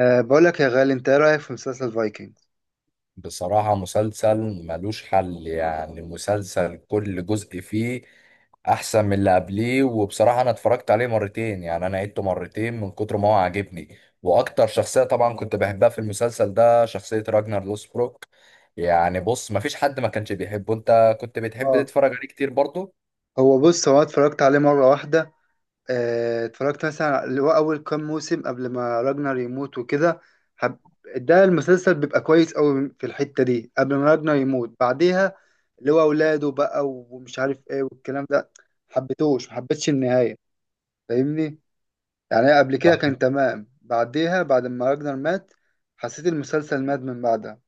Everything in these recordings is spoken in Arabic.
بقول لك يا غالي، انت ايه رايك في مسلسل فايكنجز؟ بصراحة مسلسل ملوش حل. يعني مسلسل كل جزء فيه أحسن من اللي قبليه، وبصراحة أنا اتفرجت عليه مرتين، يعني أنا عدته مرتين من كتر ما هو عاجبني. وأكتر شخصية طبعا كنت بحبها في المسلسل ده شخصية راجنر لوسبروك. يعني بص، مفيش حد ما كانش بيحبه. أنت كنت بتحب اه تتفرج عليه كتير برضه؟ هو أنا اتفرجت عليه مره واحده. اتفرجت مثلا اللي هو اول كام موسم قبل ما راجنر يموت وكده. حب... ده المسلسل بيبقى كويس قوي في الحته دي قبل ما راجنر يموت، بعديها اللي هو اولاده بقى ومش عارف ايه والكلام ده حبيتوش، ما حبيتش النهايه، فاهمني؟ يعني قبل كده كان تمام، بعديها بعد ما راجنر مات حسيت المسلسل مات من بعدها.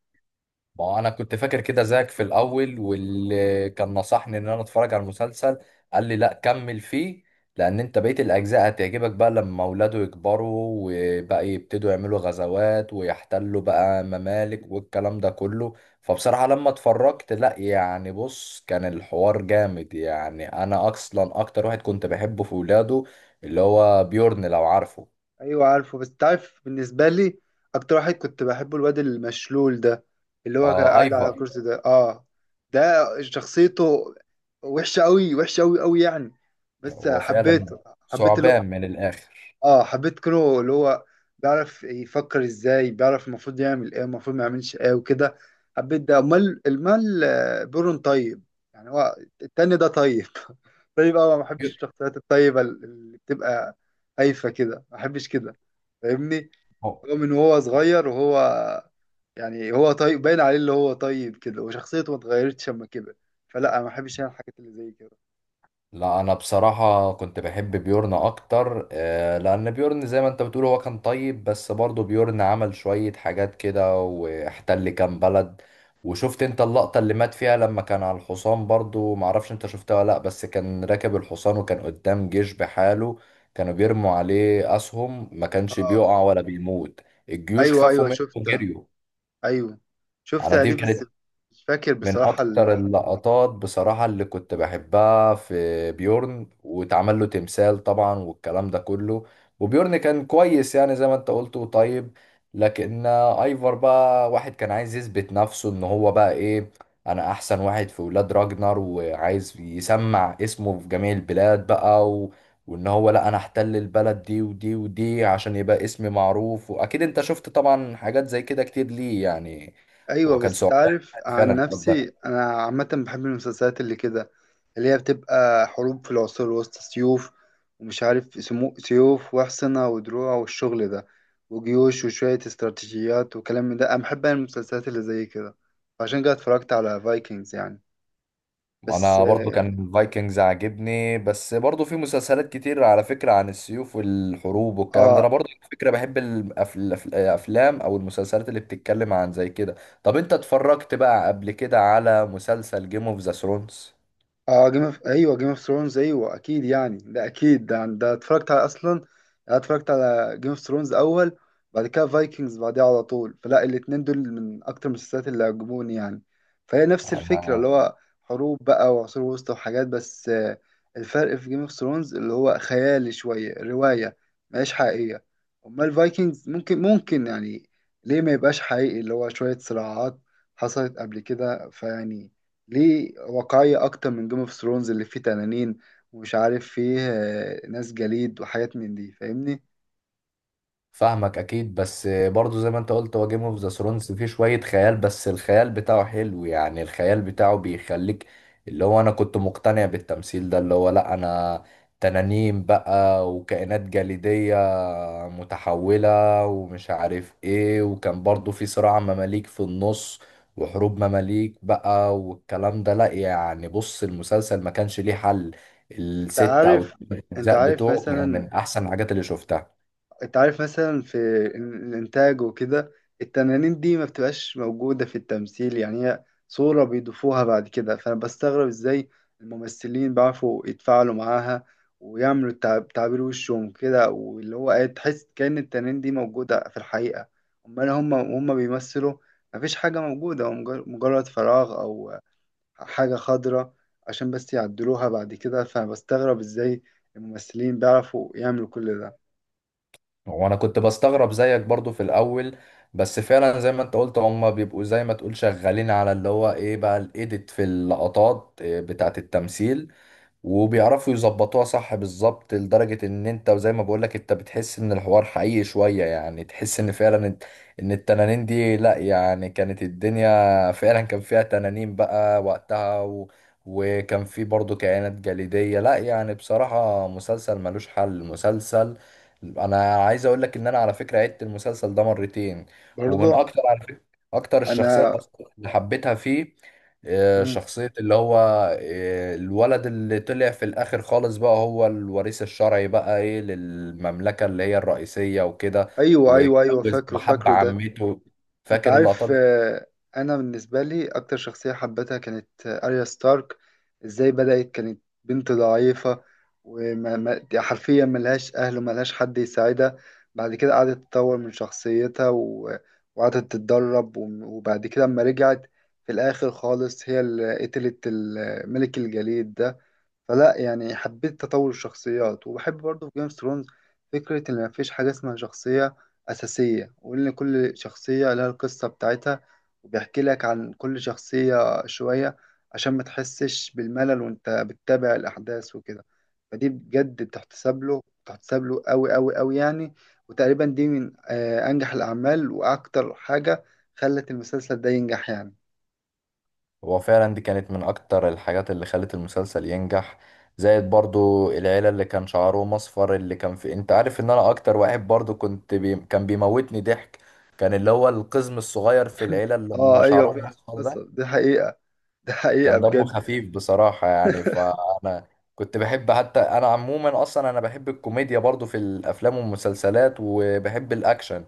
ما هو انا كنت فاكر كده زيك في الاول، واللي كان نصحني ان انا اتفرج على المسلسل قال لي لا كمل فيه، لان انت بقية الاجزاء هتعجبك بقى لما اولاده يكبروا وبقى يبتدوا يعملوا غزوات ويحتلوا بقى ممالك والكلام ده كله. فبصراحة لما اتفرجت، لا يعني بص، كان الحوار جامد. يعني انا اصلا اكتر واحد كنت بحبه في ولاده اللي هو بيورن، لو عارفه. ايوه عارفه، بس تعرف بالنسبه لي اكتر واحد كنت بحبه الواد المشلول ده، اللي هو كان آه، قاعد على ايفر. الكرسي ده. اه، ده شخصيته وحشه قوي، وحشه قوي قوي يعني، بس هو فعلا حبيته. حبيت اللي هو، ثعبان من الاخر. اه حبيت كونو اللي هو بيعرف يفكر ازاي، بيعرف المفروض يعمل ايه المفروض ما يعملش ايه وكده. حبيت ده. امال المال بيرون طيب، يعني هو التاني ده طيب. طيب اه، ما بحبش الشخصيات الطيبة اللي بتبقى هايفة كده، ما بحبش كده، فاهمني؟ هو من وهو صغير وهو، يعني هو طيب باين عليه اللي هو طيب كده، وشخصيته ما اتغيرتش لما كبر، فلا ما بحبش انا الحاجات اللي زي كده. لا، انا بصراحة كنت بحب بيورن اكتر، آه، لان بيورن زي ما انت بتقول هو كان طيب، بس برضه بيورن عمل شوية حاجات كده واحتل كام بلد. وشفت انت اللقطة اللي مات فيها لما كان على الحصان؟ برضه معرفش انت شفتها ولا لا، بس كان راكب الحصان وكان قدام جيش بحاله، كانوا بيرموا عليه اسهم ما كانش اه. بيقع ولا بيموت. الجيوش ايوه خافوا ايوه منه شفت، وجريوا. ايوه انا شفتها دي دي. بس كانت مش فاكر من بصراحة اكتر اللقطات بصراحة اللي كنت بحبها في بيورن، واتعمل له تمثال طبعا والكلام ده كله. وبيورن كان كويس، يعني زي ما انت قلت وطيب، لكن ايفر بقى واحد كان عايز يثبت نفسه ان هو بقى ايه، انا احسن واحد في ولاد راجنر، وعايز يسمع اسمه في جميع البلاد بقى و... وان هو لا انا احتل البلد دي ودي ودي عشان يبقى اسمي معروف. واكيد انت شفت طبعا حاجات زي كده كتير، ليه يعني؟ ايوه، هو كان بس ثعبان تعرف عن فعلا. نفسي انا عامة بحب المسلسلات اللي كده، اللي هي بتبقى حروب في العصور الوسطى، سيوف ومش عارف سيوف واحصنة ودروع والشغل ده وجيوش وشوية استراتيجيات وكلام من ده. انا بحب أنا المسلسلات اللي زي كده، عشان كده اتفرجت على فايكنجز يعني. بس انا برضو كان الفايكنجز عاجبني، بس برضو في مسلسلات كتير على فكرة عن السيوف والحروب والكلام ده. انا اه، برضو على فكرة بحب الافلام او المسلسلات اللي بتتكلم عن زي كده. طب انت اتفرجت بقى قبل كده على مسلسل جيم اوف ذا ثرونز؟ اه جيم اوف، ايوه جيم اوف ثرونز ايوه اكيد يعني ده اكيد ده اتفرجت على اصلا يعني. انا اتفرجت على جيم اوف ثرونز اول، بعد كده فايكنجز بعديها على طول، فلا الاتنين دول من اكتر المسلسلات اللي عجبوني يعني. فهي نفس الفكره، اللي هو حروب بقى وعصور وسطى وحاجات، بس الفرق في جيم اوف ثرونز اللي هو خيالي شويه، روايه مش حقيقيه. امال الفايكنجز ممكن، ممكن يعني ليه ما يبقاش حقيقي، اللي هو شويه صراعات حصلت قبل كده فيعني ليه واقعية أكتر من جيم اوف ثرونز اللي فيه تنانين ومش عارف فيه ناس جليد وحاجات من دي، فاهمني؟ فاهمك اكيد، بس برضو زي ما انت قلت هو جيم اوف ذا ثرونز فيه شوية خيال، بس الخيال بتاعه حلو، يعني الخيال بتاعه بيخليك اللي هو انا كنت مقتنع بالتمثيل ده. اللي هو لا انا تنانين بقى وكائنات جليدية متحولة ومش عارف ايه، وكان برضو في صراع مماليك في النص وحروب مماليك بقى والكلام ده. لا يعني بص، المسلسل ما كانش ليه حل. أنت الست او عارف، الثمان أنت اجزاء عارف بتوعه كانوا من مثلا، احسن الحاجات اللي شفتها. انت عارف مثلا في الانتاج وكده التنانين دي ما بتبقاش موجودة في التمثيل، يعني هي صورة بيضيفوها بعد كده، فانا بستغرب ازاي الممثلين بيعرفوا يتفاعلوا معاها ويعملوا تعبير وشهم كده، واللي هو ايه تحس كأن التنانين دي موجودة في الحقيقة. امال هم بيمثلوا مفيش حاجة موجودة، هو مجرد فراغ او حاجة خضراء عشان بس يعدلوها بعد كده، فبستغرب ازاي الممثلين بيعرفوا يعملوا كل ده. وانا كنت بستغرب زيك برضو في الاول، بس فعلا زي ما انت قلت هم بيبقوا زي ما تقول شغالين على اللي هو ايه بقى الايديت في اللقطات، إيه، بتاعت التمثيل. وبيعرفوا يظبطوها صح بالظبط، لدرجة ان انت وزي ما بقولك انت بتحس ان الحوار حقيقي شوية، يعني تحس ان فعلا إن التنانين دي لا يعني كانت الدنيا فعلا كان فيها تنانين بقى وقتها و... وكان في برضو كائنات جليدية. لا يعني بصراحة مسلسل ملوش حل مسلسل. انا عايز اقولك ان انا على فكرة عدت المسلسل ده مرتين. ومن برضه اكتر على فكرة اكتر الشخصيات انا. اصلا اللي حبيتها فيه، آه، مم. شخصية اللي هو، آه، الولد اللي طلع في الآخر خالص بقى هو الوريث الشرعي بقى، إيه، للمملكة اللي هي الرئيسية وكده، ايوه ايوه ايوه، واتجوز فاكره وحب فاكره ده. عمته. انت فاكر اللقطات عارف، دي؟ انا بالنسبه لي اكتر شخصيه حبيتها كانت اريا ستارك. ازاي بدات كانت بنت ضعيفه، وما ما- دي حرفيا ملهاش اهل وملهاش حد يساعدها، بعد كده قعدت تطور من شخصيتها وقعدت تتدرب وبعد كده اما رجعت في الاخر خالص هي اللي قتلت ملك الجليد ده. فلا يعني حبيت تطور الشخصيات، وبحب برضه في جيم اوف ثرونز فكرة إن مفيش حاجة اسمها شخصية أساسية، وإن كل شخصية لها القصة بتاعتها، وبيحكي لك عن كل شخصية شوية عشان ما تحسش بالملل وأنت بتتابع الأحداث وكده. فدي بجد بتحتسب له، بتحتسب له أوي أوي أوي يعني. وتقريبا دي من أنجح الأعمال وأكتر حاجة خلت المسلسل ده ينجح يعني. هو فعلا دي كانت من أكتر الحاجات اللي خلت المسلسل ينجح. زائد برضو العيلة اللي كان شعرهم أصفر اللي كان في. أنت عارف إن أنا أكتر واحد برضو كنت كان بيموتني ضحك، كان اللي هو القزم الصغير في العيلة اللي ما آه أيوه شعرهم فعلا أصفر ده. حصل، دي حقيقة، دي حقيقة كان دمه بجد. خفيف بصراحة يعني. فأنا كنت بحب، حتى أنا عموما أصلا أنا بحب الكوميديا برضو في الأفلام والمسلسلات، وبحب الأكشن،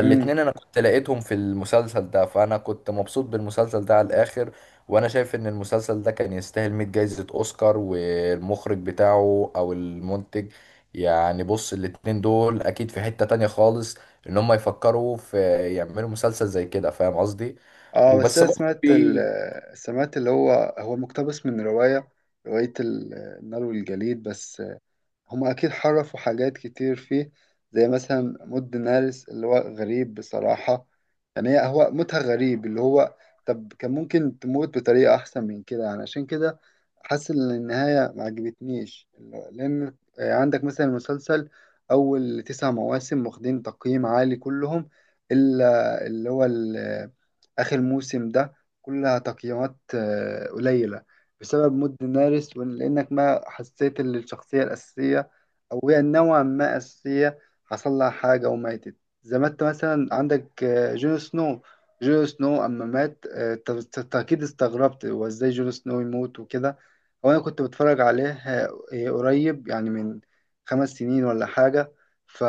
مم. أنا كنت لقيتهم في المسلسل ده، فأنا كنت مبسوط بالمسلسل ده على الآخر. وأنا شايف إن المسلسل ده كان يستاهل 100 جايزة أوسكار، والمخرج بتاعه أو المنتج، يعني بص الاتنين دول أكيد في حتة تانية خالص إن هم يفكروا في يعملوا مسلسل زي كده. فاهم قصدي؟ اه بس وبس انا برضه سمعت في. سمعت اللي هو هو مقتبس من رواية، رواية النار والجليد، بس هم أكيد حرفوا حاجات كتير فيه. زي مثلا مود نارس اللي هو غريب بصراحة، يعني هو موتها غريب اللي هو، طب كان ممكن تموت بطريقة أحسن من كده يعني، عشان كده حاسس إن النهاية ما عجبتنيش. لأن عندك مثلا المسلسل أول 9 مواسم واخدين تقييم عالي كلهم، إلا اللي هو آخر موسم ده كلها تقييمات قليلة، بسبب مود نارس، ولأنك ما حسيت إن الشخصية الأساسية، أو هي نوعا ما أساسية، حصل لها حاجة وماتت. زي ما أنت مثلا عندك جون سنو، جون سنو أما مات أنت أنت أكيد استغربت هو إزاي جون سنو يموت وكده. هو أنا كنت بتفرج عليه قريب يعني من 5 سنين ولا حاجة. ف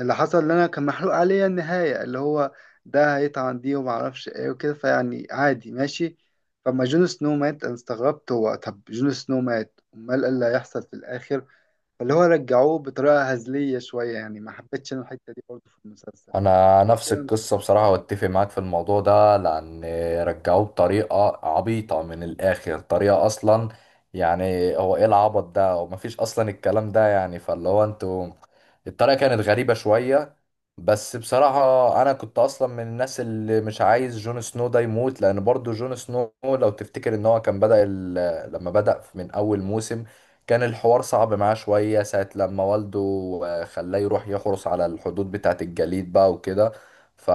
اللي حصل اللي أنا كان محروق عليا النهاية اللي هو ده هيطعن دي ومعرفش إيه وكده فيعني عادي ماشي. فلما جون سنو مات انا استغربت، هو طب جون سنو مات امال ايه اللي هيحصل في الاخر؟ فاللي هو رجعوه بطريقه هزليه شويه، يعني ما حبيتش انا الحته دي برضه في المسلسل، انا غير نفس كده القصه المسلسل جامد. بصراحه، واتفق معاك في الموضوع ده، لان رجعوه بطريقه عبيطه من الاخر، طريقه اصلا يعني هو ايه العبط ده، ومفيش اصلا الكلام ده يعني. فاللي هو انتوا الطريقه كانت غريبه شويه. بس بصراحه انا كنت اصلا من الناس اللي مش عايز جون سنو ده يموت، لان برضو جون سنو لو تفتكر ان هو كان بدأ ال... لما بدأ من اول موسم كان الحوار صعب معاه شوية، ساعة لما والده، آه، خلاه يروح يحرس على الحدود بتاعة الجليد بقى وكده. ف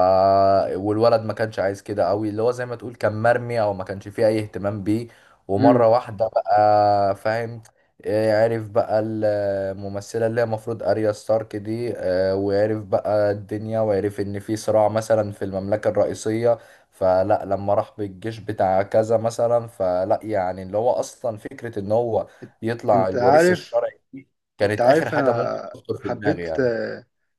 والولد ما كانش عايز كده قوي، اللي هو زي ما تقول كان مرمي او ما كانش فيه اي اهتمام بيه. ومرة امم. واحدة بقى فاهم، آه، عرف بقى الممثلة اللي هي المفروض أريا ستارك دي، آه، وعرف بقى الدنيا، وعرف إن في صراع مثلا في المملكة الرئيسية. فلا لما راح بالجيش بتاع كذا مثلا، فلا يعني اللي هو أصلا فكرة إن هو يطلع انت الوريث عارف، الشرعي دي انت كانت آخر عارف حاجة ممكن انا تخطر في دماغي حبيت، يعني.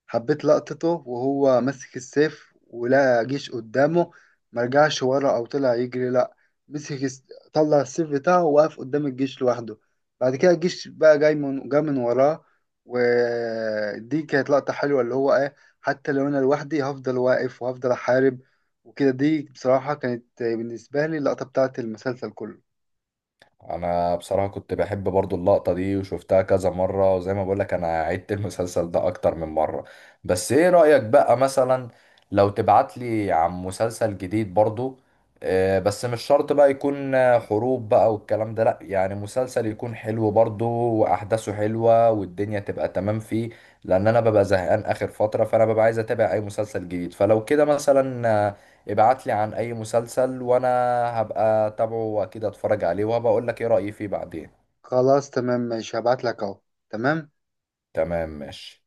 حبيت لقطته وهو ماسك السيف ولقى جيش قدامه، ما رجعش ورا او طلع يجري، لا مسك طلع السيف بتاعه ووقف قدام الجيش لوحده، بعد كده الجيش بقى جاي من وراه. ودي كانت لقطة حلوة، اللي هو ايه حتى لو انا لوحدي هفضل واقف وهفضل احارب وكده. دي بصراحة كانت بالنسبة لي اللقطة بتاعت المسلسل كله. أنا بصراحة كنت بحب برضو اللقطة دي وشفتها كذا مرة، وزي ما بقولك أنا عدت المسلسل ده أكتر من مرة. بس إيه رأيك بقى مثلا لو تبعتلي عن مسلسل جديد برضو، آه، بس مش شرط بقى يكون، آه، حروب بقى والكلام ده، لأ يعني مسلسل يكون حلو برضو وأحداثه حلوة والدنيا تبقى تمام فيه. لأن أنا ببقى زهقان آخر فترة، فأنا ببقى عايز أتابع أي مسلسل جديد. فلو كده مثلا، آه، ابعت لي عن اي مسلسل وانا هبقى اتابعه واكيد اتفرج عليه، وهبقى اقول لك ايه رأيي فيه بعدين. خلاص تمام ماشي، هبعت لك اهو، تمام. تمام ماشي.